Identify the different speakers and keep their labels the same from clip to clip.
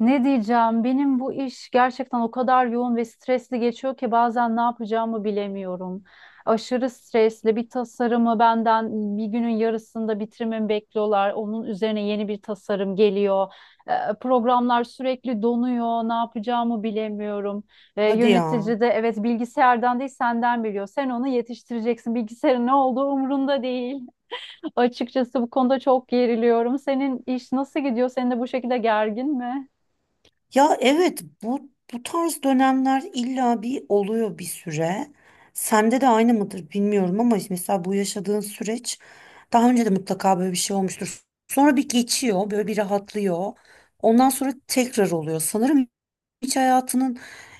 Speaker 1: Ne diyeceğim? Benim bu iş gerçekten o kadar yoğun ve stresli geçiyor ki bazen ne yapacağımı bilemiyorum. Aşırı stresli bir tasarımı benden bir günün yarısında bitirmemi bekliyorlar. Onun üzerine yeni bir tasarım geliyor. Programlar sürekli donuyor. Ne yapacağımı bilemiyorum.
Speaker 2: Hadi ya.
Speaker 1: Yönetici de evet bilgisayardan değil senden biliyor. Sen onu yetiştireceksin. Bilgisayarın ne olduğu umurunda değil. Açıkçası bu konuda çok geriliyorum. Senin iş nasıl gidiyor? Senin de bu şekilde gergin mi?
Speaker 2: Ya evet bu tarz dönemler illa bir oluyor bir süre. Sende de aynı mıdır bilmiyorum ama mesela bu yaşadığın süreç daha önce de mutlaka böyle bir şey olmuştur. Sonra bir geçiyor, böyle bir rahatlıyor. Ondan sonra tekrar oluyor. Sanırım hiç hayatının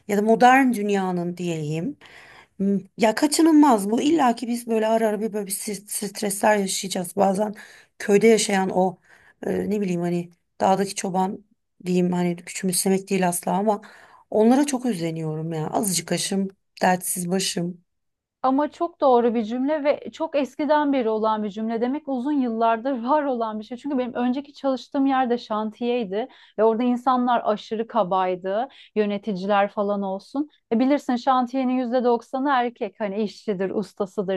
Speaker 2: ya da modern dünyanın diyeyim. Hmm. Ya kaçınılmaz bu. İlla ki biz böyle ara ara bir böyle bir stresler yaşayacağız. Bazen köyde yaşayan o, ne bileyim, hani dağdaki çoban diyeyim, hani küçümsemek değil asla ama onlara çok özleniyorum ya. Azıcık aşım, dertsiz başım.
Speaker 1: Ama çok doğru bir cümle ve çok eskiden beri olan bir cümle demek uzun yıllardır var olan bir şey. Çünkü benim önceki çalıştığım yerde şantiyeydi ve orada insanlar aşırı kabaydı, yöneticiler falan olsun. E bilirsin şantiyenin %90'ı erkek hani işçidir,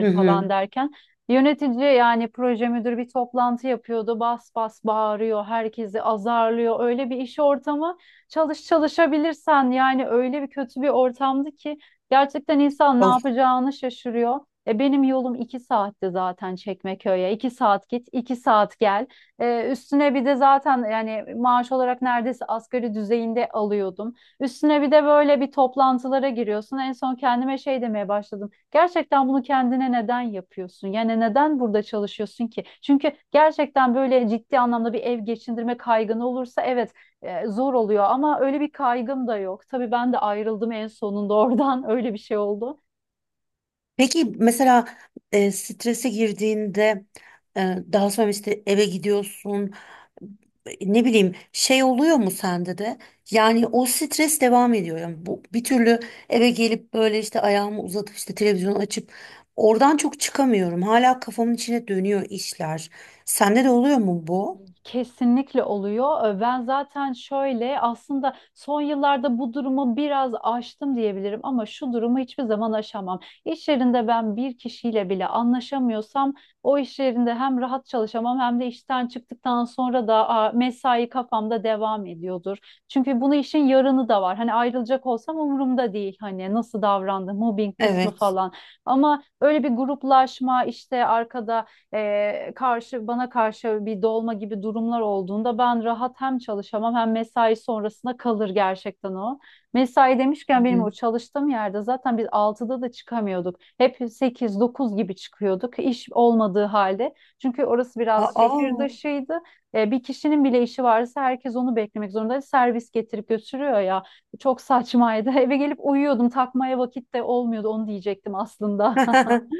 Speaker 2: Hı
Speaker 1: falan
Speaker 2: hı.
Speaker 1: derken yönetici yani proje müdürü bir toplantı yapıyordu. Bas bas bağırıyor, herkesi azarlıyor. Öyle bir iş ortamı çalışabilirsen yani öyle bir kötü bir ortamdı ki gerçekten insan ne
Speaker 2: Of.
Speaker 1: yapacağını şaşırıyor. E benim yolum iki saatti zaten Çekmeköy'e. İki saat git, iki saat gel. Üstüne bir de zaten yani maaş olarak neredeyse asgari düzeyinde alıyordum. Üstüne bir de böyle bir toplantılara giriyorsun. En son kendime şey demeye başladım. Gerçekten bunu kendine neden yapıyorsun? Yani neden burada çalışıyorsun ki? Çünkü gerçekten böyle ciddi anlamda bir ev geçindirme kaygını olursa evet, zor oluyor ama öyle bir kaygım da yok. Tabii ben de ayrıldım en sonunda oradan öyle bir şey oldu.
Speaker 2: Peki mesela strese girdiğinde, daha sonra işte eve gidiyorsun, ne bileyim, şey oluyor mu sende de? Yani o stres devam ediyor, yani bu bir türlü eve gelip böyle işte ayağımı uzatıp işte televizyonu açıp oradan çok çıkamıyorum, hala kafamın içine dönüyor işler. Sende de oluyor mu bu?
Speaker 1: Kesinlikle oluyor. Ben zaten şöyle aslında son yıllarda bu durumu biraz aştım diyebilirim ama şu durumu hiçbir zaman aşamam. İş yerinde ben bir kişiyle bile anlaşamıyorsam o iş yerinde hem rahat çalışamam hem de işten çıktıktan sonra da mesai kafamda devam ediyordur. Çünkü bunu işin yarını da var. Hani ayrılacak olsam umurumda değil. Hani nasıl davrandı, mobbing kısmı
Speaker 2: Evet.
Speaker 1: falan. Ama öyle bir gruplaşma işte arkada e, karşı bana karşı bir dolma gibi durumlar olduğunda ben rahat hem çalışamam hem mesai sonrasına kalır gerçekten o. Mesai demişken benim
Speaker 2: Hı.
Speaker 1: o çalıştığım yerde zaten biz altıda da çıkamıyorduk. Hep sekiz dokuz gibi çıkıyorduk iş olmadığı halde. Çünkü orası biraz şehir
Speaker 2: Aa.
Speaker 1: dışıydı. Bir kişinin bile işi varsa herkes onu beklemek zorunda. Servis getirip götürüyor ya. Çok saçmaydı. Eve gelip uyuyordum. Takmaya vakit de olmuyordu. Onu diyecektim aslında.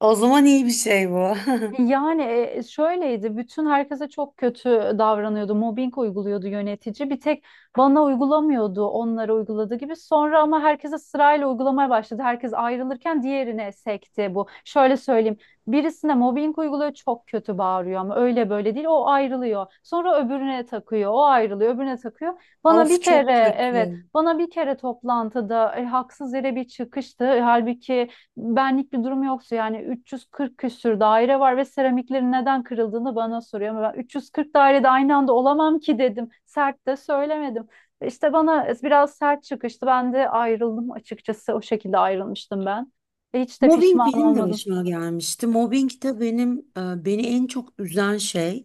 Speaker 2: O zaman iyi bir şey bu.
Speaker 1: Yani şöyleydi, bütün herkese çok kötü davranıyordu, mobbing uyguluyordu yönetici. Bir tek bana uygulamıyordu, onlara uyguladığı gibi. Sonra ama herkese sırayla uygulamaya başladı. Herkes ayrılırken diğerine sekti bu. Şöyle söyleyeyim, birisine mobbing uyguluyor, çok kötü bağırıyor ama öyle böyle değil, o ayrılıyor. Sonra öbürüne takıyor, o ayrılıyor, öbürüne takıyor. Bana bir
Speaker 2: Of, çok
Speaker 1: kere, evet,
Speaker 2: kötü.
Speaker 1: bana bir kere toplantıda haksız yere bir çıkıştı. Halbuki benlik bir durum yoksa yani 340 küsür daire var ve seramiklerin neden kırıldığını bana soruyor. Ama ben 340 dairede aynı anda olamam ki dedim. Sert de söylemedim. İşte bana biraz sert çıkıştı. Ben de ayrıldım açıkçası. O şekilde ayrılmıştım ben. Hiç de
Speaker 2: Mobbing
Speaker 1: pişman
Speaker 2: benim de
Speaker 1: olmadım.
Speaker 2: başıma gelmişti. Mobbing de benim beni en çok üzen şey.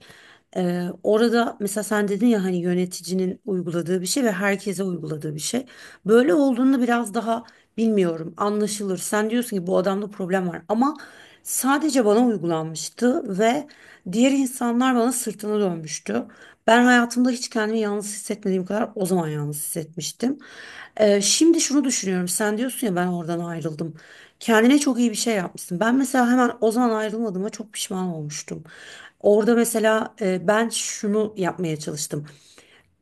Speaker 2: E, orada mesela sen dedin ya, hani yöneticinin uyguladığı bir şey ve herkese uyguladığı bir şey. Böyle olduğunda biraz daha, bilmiyorum, anlaşılır. Sen diyorsun ki bu adamda problem var, ama sadece bana uygulanmıştı ve diğer insanlar bana sırtını dönmüştü. Ben hayatımda hiç kendimi yalnız hissetmediğim kadar o zaman yalnız hissetmiştim. E, şimdi şunu düşünüyorum. Sen diyorsun ya ben oradan ayrıldım. Kendine çok iyi bir şey yapmışsın. Ben mesela hemen o zaman ayrılmadığıma çok pişman olmuştum. Orada mesela ben şunu yapmaya çalıştım: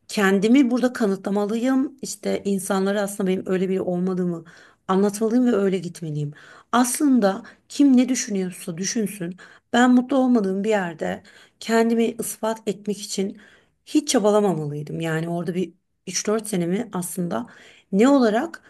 Speaker 2: kendimi burada kanıtlamalıyım. İşte insanlara aslında benim öyle biri olmadığımı anlatmalıyım ve öyle gitmeliyim. Aslında kim ne düşünüyorsa düşünsün. Ben mutlu olmadığım bir yerde kendimi ispat etmek için hiç çabalamamalıydım. Yani orada bir üç dört senemi aslında ne olarak,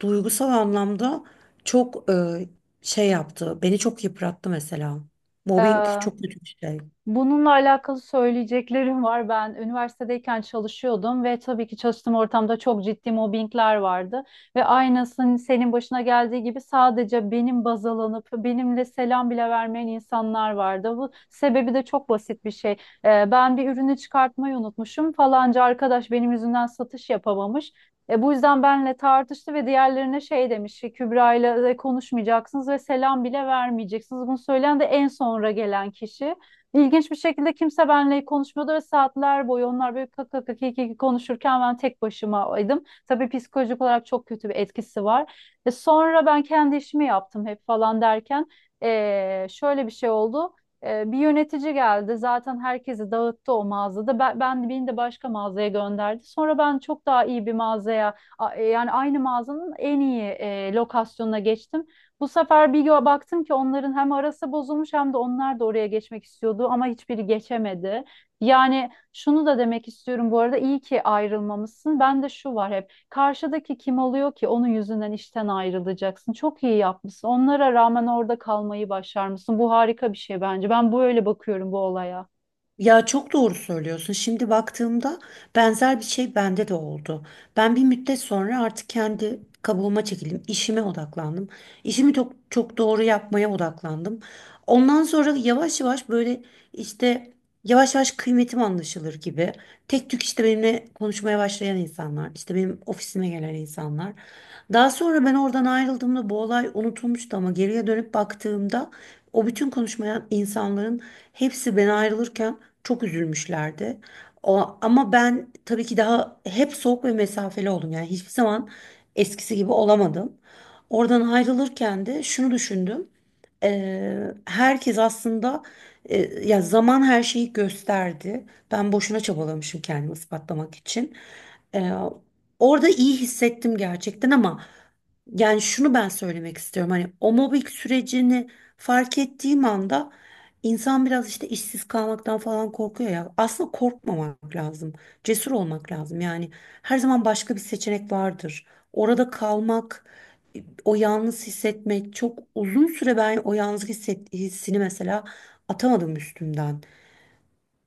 Speaker 2: duygusal anlamda, çok şey yaptı. Beni çok yıprattı mesela. Mobbing
Speaker 1: Ee,
Speaker 2: çok kötü bir şey.
Speaker 1: Bununla alakalı söyleyeceklerim var. Ben üniversitedeyken çalışıyordum ve tabii ki çalıştığım ortamda çok ciddi mobbingler vardı. Ve aynısının senin başına geldiği gibi sadece benim baz alınıp benimle selam bile vermeyen insanlar vardı. Bu sebebi de çok basit bir şey. Ben bir ürünü çıkartmayı unutmuşum. Falanca arkadaş benim yüzümden satış yapamamış. Bu yüzden benle tartıştı ve diğerlerine şey demiş, Kübra ile konuşmayacaksınız ve selam bile vermeyeceksiniz. Bunu söyleyen de en sonra gelen kişi. İlginç bir şekilde kimse benimle konuşmuyordu ve saatler boyu onlar böyle kak kak kak kik konuşurken ben tek başımaydım. Tabii psikolojik olarak çok kötü bir etkisi var. E sonra ben kendi işimi yaptım hep falan derken şöyle bir şey oldu. Bir yönetici geldi zaten herkesi dağıttı o mağazada. Ben, beni de başka mağazaya gönderdi. Sonra ben çok daha iyi bir mağazaya yani aynı mağazanın en iyi lokasyonuna geçtim. Bu sefer baktım ki onların hem arası bozulmuş hem de onlar da oraya geçmek istiyordu ama hiçbiri geçemedi. Yani şunu da demek istiyorum bu arada iyi ki ayrılmamışsın. Ben de şu var hep karşıdaki kim oluyor ki onun yüzünden işten ayrılacaksın. Çok iyi yapmışsın. Onlara rağmen orada kalmayı başarmışsın. Bu harika bir şey bence. Ben böyle bakıyorum bu olaya.
Speaker 2: Ya çok doğru söylüyorsun. Şimdi baktığımda benzer bir şey bende de oldu. Ben bir müddet sonra artık kendi kabuğuma çekildim. İşime odaklandım. İşimi çok çok doğru yapmaya odaklandım. Ondan sonra yavaş yavaş böyle, işte, yavaş yavaş kıymetim anlaşılır gibi. Tek tük işte benimle konuşmaya başlayan insanlar, işte benim ofisime gelen insanlar. Daha sonra ben oradan ayrıldığımda bu olay unutulmuştu, ama geriye dönüp baktığımda o bütün konuşmayan insanların hepsi ben ayrılırken çok üzülmüşlerdi. O, ama ben tabii ki daha hep soğuk ve mesafeli oldum. Yani hiçbir zaman eskisi gibi olamadım. Oradan ayrılırken de şunu düşündüm. Herkes aslında, ya, zaman her şeyi gösterdi. Ben boşuna çabalamışım kendimi ispatlamak için. Eee, Orada iyi hissettim gerçekten, ama yani şunu ben söylemek istiyorum. Hani o mobbing sürecini fark ettiğim anda, İnsan biraz işte işsiz kalmaktan falan korkuyor ya. Aslında korkmamak lazım. Cesur olmak lazım. Yani her zaman başka bir seçenek vardır. Orada kalmak, o yalnız hissetmek, çok uzun süre ben o hissini mesela atamadım üstümden.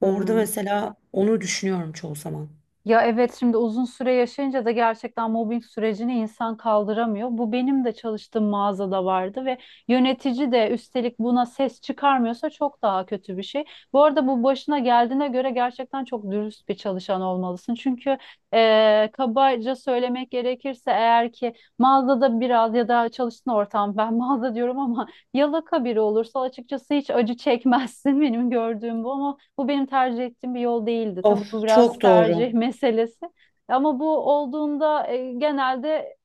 Speaker 2: Orada
Speaker 1: Hmm.
Speaker 2: mesela onu düşünüyorum çoğu zaman.
Speaker 1: Ya evet şimdi uzun süre yaşayınca da gerçekten mobbing sürecini insan kaldıramıyor. Bu benim de çalıştığım mağazada vardı ve yönetici de üstelik buna ses çıkarmıyorsa çok daha kötü bir şey. Bu arada bu başına geldiğine göre gerçekten çok dürüst bir çalışan olmalısın. Çünkü kabaca söylemek gerekirse eğer ki mağazada biraz ya da çalıştığın ortam ben mağaza diyorum ama yalaka biri olursa açıkçası hiç acı çekmezsin benim gördüğüm bu ama bu benim tercih ettiğim bir yol değildi. Tabii
Speaker 2: Of,
Speaker 1: bu biraz
Speaker 2: çok
Speaker 1: tercih
Speaker 2: doğru.
Speaker 1: meselesi ama bu olduğunda genelde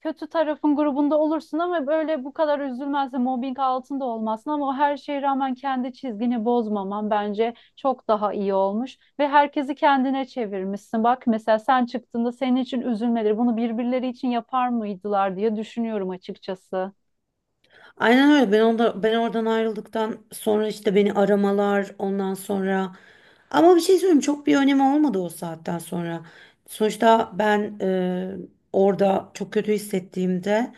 Speaker 1: kötü tarafın grubunda olursun ama böyle bu kadar üzülmezsin, mobbing altında olmazsın ama o her şeye rağmen kendi çizgini bozmaman bence çok daha iyi olmuş ve herkesi kendine çevirmişsin. Bak mesela sen çıktığında senin için üzülmeleri bunu birbirleri için yapar mıydılar diye düşünüyorum açıkçası.
Speaker 2: Aynen öyle. Ben ben oradan ayrıldıktan sonra işte beni aramalar ondan sonra, ama bir şey söyleyeyim, çok bir önemi olmadı o saatten sonra. Sonuçta ben, orada çok kötü hissettiğimde,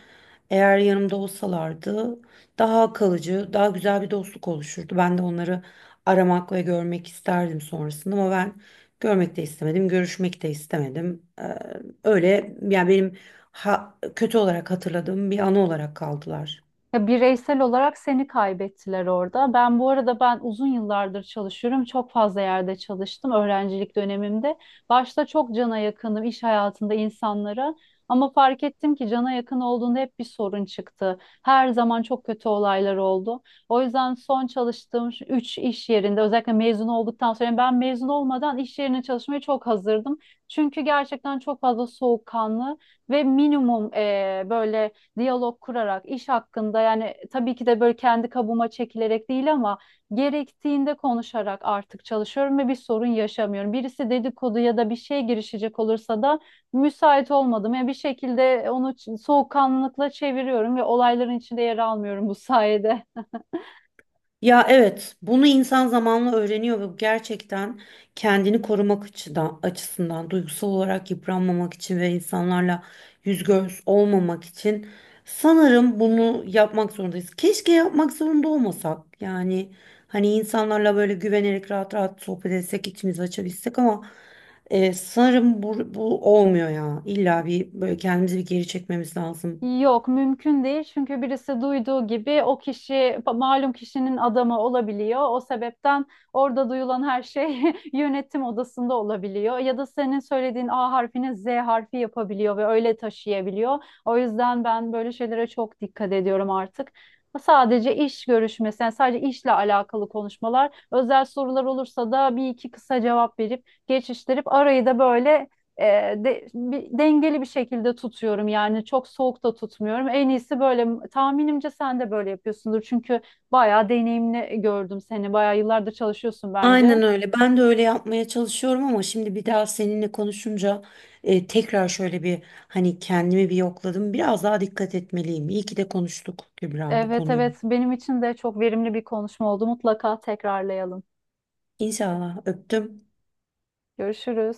Speaker 2: eğer yanımda olsalardı daha kalıcı, daha güzel bir dostluk oluşurdu. Ben de onları aramak ve görmek isterdim sonrasında, ama ben görmek de istemedim, görüşmek de istemedim. E, öyle, yani benim kötü olarak hatırladığım bir anı olarak kaldılar.
Speaker 1: Ya bireysel olarak seni kaybettiler orada. Ben bu arada uzun yıllardır çalışıyorum. Çok fazla yerde çalıştım öğrencilik dönemimde. Başta çok cana yakınım iş hayatında insanlara. Ama fark ettim ki cana yakın olduğunda hep bir sorun çıktı. Her zaman çok kötü olaylar oldu. O yüzden son çalıştığım şu 3 iş yerinde özellikle mezun olduktan sonra yani ben mezun olmadan iş yerine çalışmaya çok hazırdım. Çünkü gerçekten çok fazla soğukkanlı ve minimum böyle diyalog kurarak iş hakkında yani tabii ki de böyle kendi kabuğuma çekilerek değil ama gerektiğinde konuşarak artık çalışıyorum ve bir sorun yaşamıyorum. Birisi dedikodu ya da bir şey girişecek olursa da müsait olmadım. Yani bir şekilde soğukkanlılıkla çeviriyorum ve olayların içinde yer almıyorum bu sayede.
Speaker 2: Ya evet, bunu insan zamanla öğreniyor ve bu gerçekten kendini korumak açısından, duygusal olarak yıpranmamak için ve insanlarla yüz göz olmamak için sanırım bunu yapmak zorundayız. Keşke yapmak zorunda olmasak. Yani hani insanlarla böyle güvenerek rahat rahat sohbet etsek, içimizi açabilsek ama, sanırım bu olmuyor ya. İlla bir böyle kendimizi bir geri çekmemiz lazım.
Speaker 1: Yok mümkün değil çünkü birisi duyduğu gibi o kişi malum kişinin adamı olabiliyor. O sebepten orada duyulan her şey yönetim odasında olabiliyor. Ya da senin söylediğin A harfini Z harfi yapabiliyor ve öyle taşıyabiliyor. O yüzden ben böyle şeylere çok dikkat ediyorum artık. Sadece iş görüşmesi, yani sadece işle alakalı konuşmalar, özel sorular olursa da bir iki kısa cevap verip geçiştirip arayı da böyle e, dengeli bir şekilde tutuyorum yani çok soğuk da tutmuyorum. En iyisi böyle tahminimce sen de böyle yapıyorsundur çünkü bayağı deneyimli gördüm seni bayağı yıllardır çalışıyorsun bence.
Speaker 2: Aynen öyle. Ben de öyle yapmaya çalışıyorum, ama şimdi bir daha seninle konuşunca tekrar şöyle bir, hani, kendimi bir yokladım. Biraz daha dikkat etmeliyim. İyi ki de konuştuk Kübra bu
Speaker 1: Evet,
Speaker 2: konuyu.
Speaker 1: evet, benim için de çok verimli bir konuşma oldu mutlaka tekrarlayalım.
Speaker 2: İnşallah, öptüm.
Speaker 1: Görüşürüz.